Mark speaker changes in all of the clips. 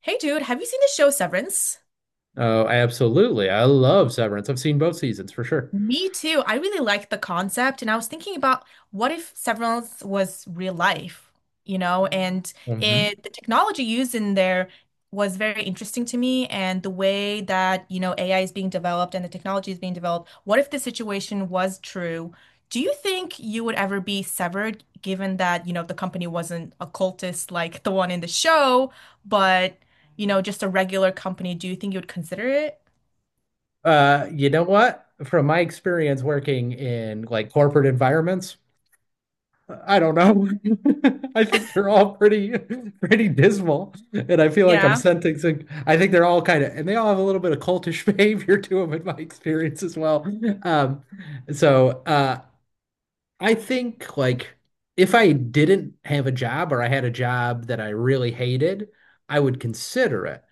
Speaker 1: Hey dude, have you seen the show Severance?
Speaker 2: Oh, absolutely. I love Severance. I've seen both seasons for sure.
Speaker 1: Me too. I really like the concept, and I was thinking about what if Severance was real life, and
Speaker 2: hmm
Speaker 1: it the technology used in there was very interesting to me, and the way that, AI is being developed and the technology is being developed. What if this situation was true? Do you think you would ever be severed, given that, the company wasn't a cultist like the one in the show, but, just a regular company? Do you think you would consider it?
Speaker 2: You know what? From my experience working in like corporate environments, I don't know. I think they're all pretty pretty dismal. And I feel like I'm sensing some- I think they're all kind of and they all have a little bit of cultish behavior to them in my experience as well. Um, so I think like if I didn't have a job or I had a job that I really hated, I would consider it.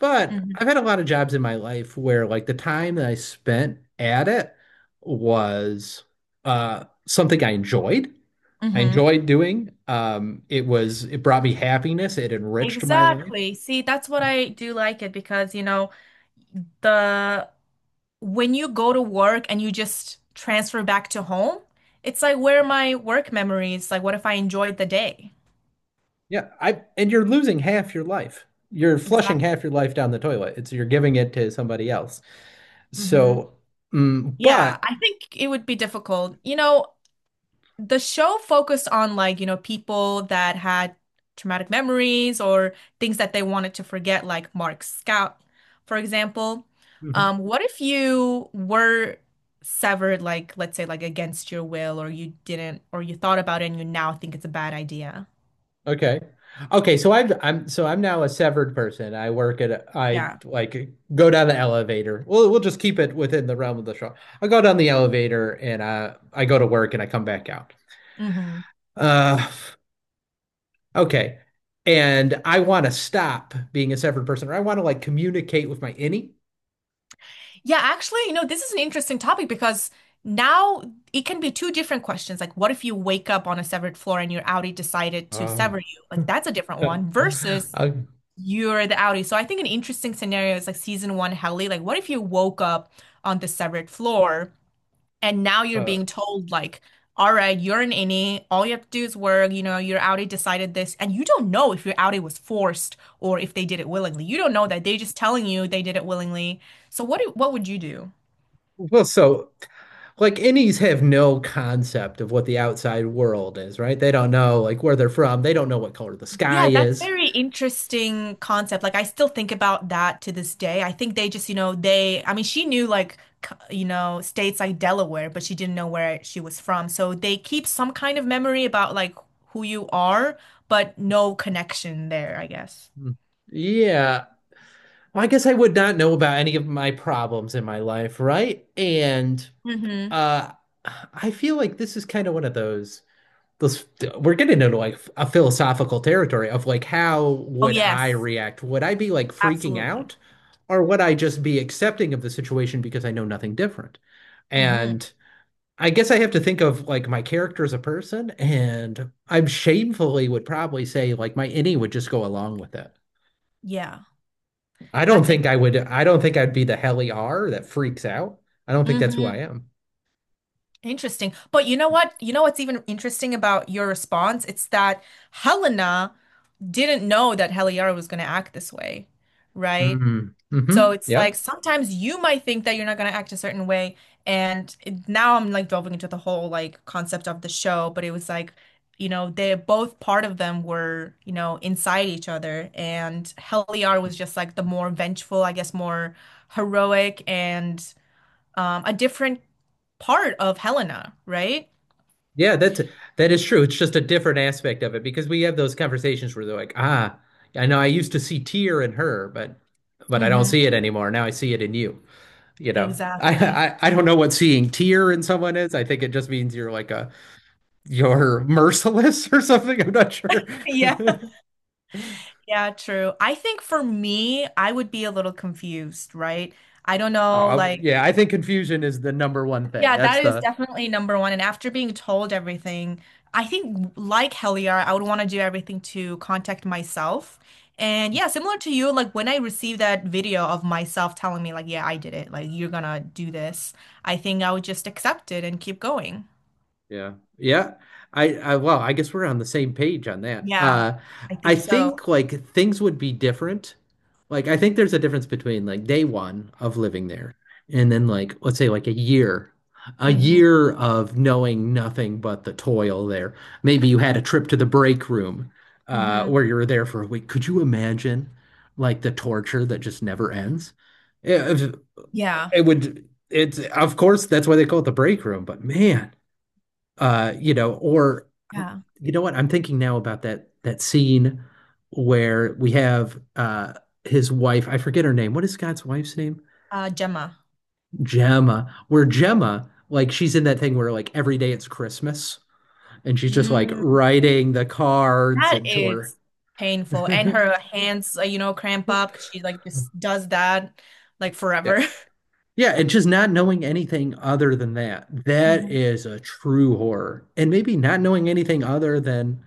Speaker 2: But
Speaker 1: Mhm.
Speaker 2: I've had a lot of jobs in my life where like the time that I spent at it was something I enjoyed. I
Speaker 1: Mhm.
Speaker 2: enjoyed doing. It was it brought me happiness, it enriched my life.
Speaker 1: Exactly. See, that's what I do like it because, the when you go to work and you just transfer back to home, it's like where are my work memories? Like what if I enjoyed the day?
Speaker 2: Yeah, I and you're losing half your life. You're flushing
Speaker 1: Exactly.
Speaker 2: half your life down the toilet. It's you're giving it to somebody else.
Speaker 1: hmm
Speaker 2: So, mm,
Speaker 1: Yeah,
Speaker 2: but
Speaker 1: I think it would be difficult. The show focused on like, people that had traumatic memories or things that they wanted to forget, like Mark Scout, for example.
Speaker 2: mhm.
Speaker 1: What if you were severed, like, let's say, like against your will, or you didn't, or you thought about it and you now think it's a bad idea?
Speaker 2: Okay, okay. So I'm so I'm now a severed person. I work at a, I
Speaker 1: Yeah.
Speaker 2: like go down the elevator. Well, we'll just keep it within the realm of the show. I go down the elevator and I go to work and I come back out.
Speaker 1: hmm
Speaker 2: Uh, okay. And I want to stop being a severed person, or I want to like communicate with my innie.
Speaker 1: Yeah, actually, this is an interesting topic because now it can be two different questions. Like, what if you wake up on a severed floor and your Audi decided to sever
Speaker 2: Oh.
Speaker 1: you? Like, that's a different one versus
Speaker 2: Uh,
Speaker 1: you're the outie. So I think an interesting scenario is like season one Helly. Like, what if you woke up on the severed floor and now you're
Speaker 2: Uh,
Speaker 1: being told, like, all right, you're an innie. All you have to do is work. You know, your outie decided this, and you don't know if your outie was forced or if they did it willingly. You don't know that. They're just telling you they did it willingly. So what would you do?
Speaker 2: well, so like innies have no concept of what the outside world is, right? They don't know like where they're from. They don't know what color the sky
Speaker 1: Yeah, that's
Speaker 2: is.
Speaker 1: very interesting concept. Like I still think about that to this day. I think they just, they I mean she knew like c- states like Delaware, but she didn't know where she was from. So they keep some kind of memory about like who you are, but no connection there, I guess.
Speaker 2: Hmm. Yeah. Well, I guess I would not know about any of my problems in my life, right? And
Speaker 1: Mm-hmm.
Speaker 2: uh I feel like this is kind of one of those those we're getting into like a philosophical territory of like how
Speaker 1: Oh
Speaker 2: would I
Speaker 1: yes,
Speaker 2: react? Would I be like freaking
Speaker 1: absolutely.
Speaker 2: out or would I just be accepting of the situation because I know nothing different?
Speaker 1: Mm-hmm.
Speaker 2: And I guess I have to think of like my character as a person, and I'm shamefully would probably say like my innie would just go along with it.
Speaker 1: Yeah.
Speaker 2: I don't
Speaker 1: That's it.
Speaker 2: think I would. I don't think I'd be the Helly R that freaks out. I don't think that's who
Speaker 1: Mm-hmm.
Speaker 2: I am.
Speaker 1: Interesting. But you know what? You know what's even interesting about your response? It's that Helena didn't know that Heliara was going to act this way, right?
Speaker 2: Mm-hmm. Mm-hmm.
Speaker 1: So it's
Speaker 2: Yeah.
Speaker 1: like sometimes you might think that you're not going to act a certain way. And it- now I'm like delving into the whole like concept of the show, but it was like, they both part of them were, inside each other. And Heliara was just like the more vengeful, I guess, more heroic and a different part of Helena, right?
Speaker 2: Yeah, that's that is true. It's just a different aspect of it because we have those conversations where they're like, ah, I know I used to see tear in her, but I don't
Speaker 1: hmm
Speaker 2: see it anymore. Now I see it in you. You know,
Speaker 1: Exactly.
Speaker 2: I don't know what seeing tear in someone is. I think it just means you're like a you're merciless or something. I'm not sure.
Speaker 1: Yeah. Yeah, true. I think for me, I would be a little confused, right? I don't know,
Speaker 2: Oh,
Speaker 1: like,
Speaker 2: yeah, I think confusion is the number one thing.
Speaker 1: yeah,
Speaker 2: That's
Speaker 1: that is
Speaker 2: the
Speaker 1: definitely number one. And after being told everything, I think like Heliar, I would want to do everything to contact myself. And yeah, similar to you, like when I received that video of myself telling me, like, yeah, I did it, like, you're gonna do this, I think I would just accept it and keep going.
Speaker 2: Yeah. Yeah. I well, I guess we're on the same page on that.
Speaker 1: Yeah, I
Speaker 2: I
Speaker 1: think so.
Speaker 2: think like things would be different. Like I think there's a difference between like day one of living there and then like let's say like a year. A
Speaker 1: Mm-hmm.
Speaker 2: year of knowing nothing but the toil there. Maybe you had a trip to the break room
Speaker 1: Mm-hmm.
Speaker 2: where you were there for a week. Could you imagine like the torture that just never ends? It,
Speaker 1: Yeah.
Speaker 2: it's of course that's why they call it the break room, but man, you know, or
Speaker 1: Yeah.
Speaker 2: you know what? I'm thinking now about that scene where we have his wife, I forget her name. What is Scott's wife's name?
Speaker 1: Gemma.
Speaker 2: Gemma. Where Gemma, like she's in that thing where like every day it's Christmas and she's just like
Speaker 1: Mm.
Speaker 2: writing the cards
Speaker 1: That
Speaker 2: into her.
Speaker 1: is painful. And her hands, cramp up because she like just does that like
Speaker 2: Yeah.
Speaker 1: forever.
Speaker 2: Yeah, and just not knowing anything other than that. That
Speaker 1: hmm
Speaker 2: is a true horror. And maybe not knowing anything other than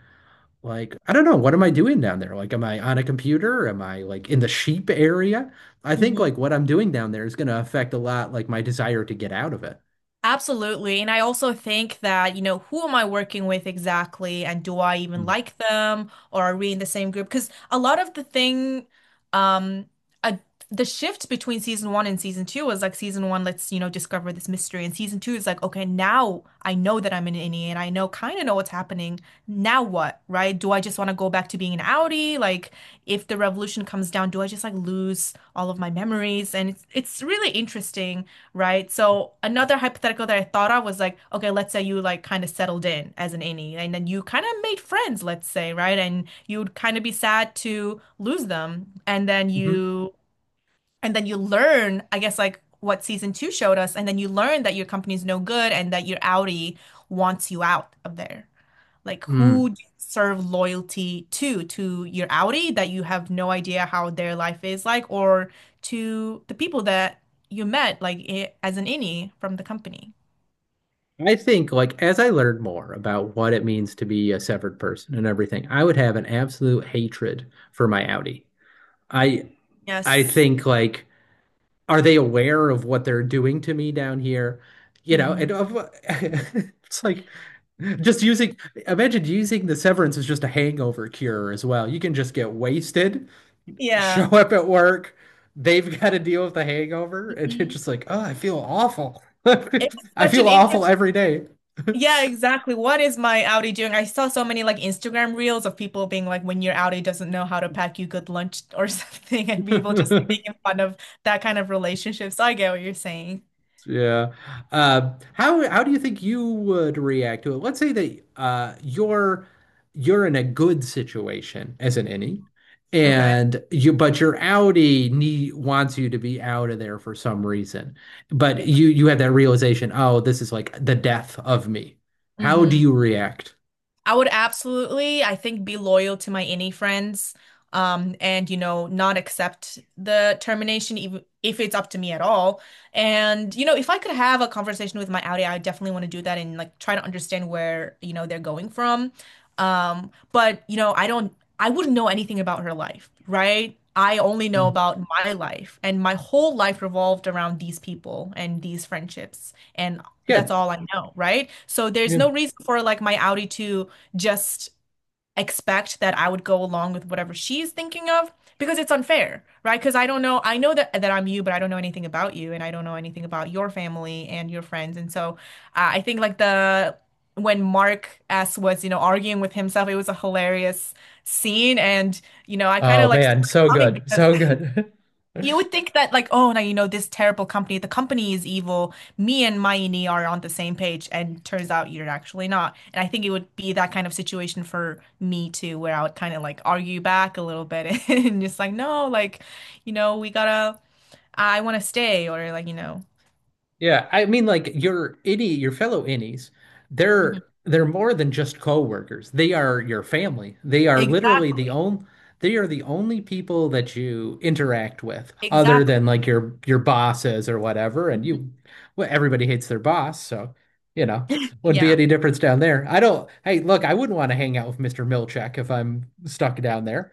Speaker 2: like, I don't know, what am I doing down there? Like, am I on a computer? Am I like in the sheep area? I think
Speaker 1: hmm
Speaker 2: like what I'm doing down there is going to affect a lot like my desire to get out of it.
Speaker 1: Absolutely. And I also think that, who am I working with exactly? And do I even like them? Or are we in the same group? Because a lot of the thing, um, a, the shift between season one and season two was like season one, let's, discover this mystery. And season two is like, okay, now I know that I'm an innie and I know kind of know what's happening. Now what, right? Do I just want to go back to being an Audi? Like, if the revolution comes down, do I just like lose all of my memories? And it's really interesting. Right. So another hypothetical that I thought of was like, okay, let's say you like kind of settled in as an innie and then you kind of made friends, let's say, right? And you would kind of be sad to lose them.
Speaker 2: Mm-hmm.
Speaker 1: And then you learn, I guess like what season two showed us, and then you learn that your company's no good and that your Audi wants you out of there. Like
Speaker 2: Mm.
Speaker 1: who do you serve loyalty to your Audi that you have no idea how their life is like, or to the people that you met like I as an innie from the company.
Speaker 2: I think like as I learned more about what it means to be a severed person and everything, I would have an absolute hatred for my Audi. I I
Speaker 1: Yes.
Speaker 2: think like are they aware of what they're doing to me down here? You know,
Speaker 1: hmm
Speaker 2: and of, it's like just using, imagine using the severance as just a hangover cure as well. You can just get wasted, show
Speaker 1: Yeah.
Speaker 2: up at work, they've got to deal with the hangover, and you're
Speaker 1: hmm
Speaker 2: just like, oh, I feel awful.
Speaker 1: It's
Speaker 2: I
Speaker 1: such
Speaker 2: feel
Speaker 1: an
Speaker 2: awful
Speaker 1: interest.
Speaker 2: every day.
Speaker 1: Yeah, exactly. What is my Audi doing? I saw so many like Instagram reels of people being like, when your Audi doesn't know how to pack you good lunch or something, and people just like making fun of that kind of relationship. So I get what you're saying.
Speaker 2: Yeah. How do you think you would react to it? Let's say that you're in a good situation as an innie,
Speaker 1: Okay.
Speaker 2: and your Audi need, wants you to be out of there for some reason. But
Speaker 1: Yeah.
Speaker 2: you have that realization, oh, this is like the death of me. How do
Speaker 1: Mhm.
Speaker 2: you react?
Speaker 1: I would absolutely, I think, be loyal to my any friends, and you know, not accept the termination even if it's up to me at all. And you know, if I could have a conversation with my Audi, I definitely want to do that and like try to understand where, they're going from. But I wouldn't know anything about her life, right? I only know
Speaker 2: Mm.
Speaker 1: about my life, and my whole life revolved around these people and these friendships, and that's
Speaker 2: Good.
Speaker 1: all I know, right? So there's
Speaker 2: Yeah.
Speaker 1: no reason for like my Audi to just expect that I would go along with whatever she's thinking of because it's unfair, right? Because I don't know, I know that I'm you, but I don't know anything about you and I don't know anything about your family and your friends. And so I think like the when Mark S was, arguing with himself, it was a hilarious scene and you know, I kind
Speaker 2: Oh
Speaker 1: of like saw
Speaker 2: man,
Speaker 1: it
Speaker 2: so
Speaker 1: coming
Speaker 2: good,
Speaker 1: because
Speaker 2: so good.
Speaker 1: you would think that, like, oh, now you know this terrible company, the company is evil. Me and Mayini are on the same page, and turns out you're actually not. And I think it would be that kind of situation for me too, where I would kind of like argue back a little bit and just like, no, like, you know, I want to stay, or like, you know,
Speaker 2: Yeah, I mean, like your innie, your fellow innies, they're
Speaker 1: Mhm.
Speaker 2: they're more than just coworkers. They are your family. They are literally the
Speaker 1: Exactly,
Speaker 2: only they are the only people that you interact with, other
Speaker 1: exactly.
Speaker 2: than like your bosses or whatever. And
Speaker 1: Mhm.
Speaker 2: you, well, everybody hates their boss, so you know, wouldn't be
Speaker 1: Yeah.
Speaker 2: any difference down there. I don't. Hey, look, I wouldn't want to hang out with Mr. Milchek if I'm stuck down there.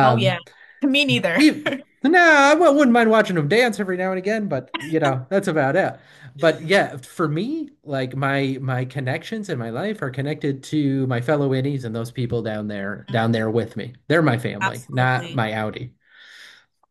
Speaker 1: Oh, yeah. Me neither.
Speaker 2: even, nah, I wouldn't mind watching them dance every now and again, but you know, that's about it. But yeah, for me, like my connections in my life are connected to my fellow innies and those people down there with me. They're my family, not
Speaker 1: Absolutely.
Speaker 2: my Audi.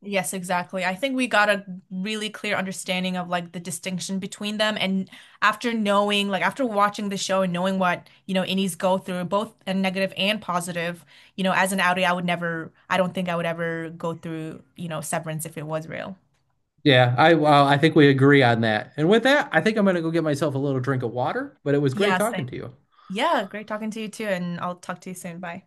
Speaker 1: Yes, exactly. I think we got a really clear understanding of like the distinction between them. And after knowing, like after watching the show and knowing what, innies go through, both a negative and positive, as an Audi, I would never, I don't think I would ever go through, severance if it was real.
Speaker 2: Yeah, I well, I think we agree on that. And with that, I think I'm gonna go get myself a little drink of water, but it was great
Speaker 1: Yeah,
Speaker 2: talking to
Speaker 1: same.
Speaker 2: you.
Speaker 1: Yeah, great talking to you too. And I'll talk to you soon. Bye.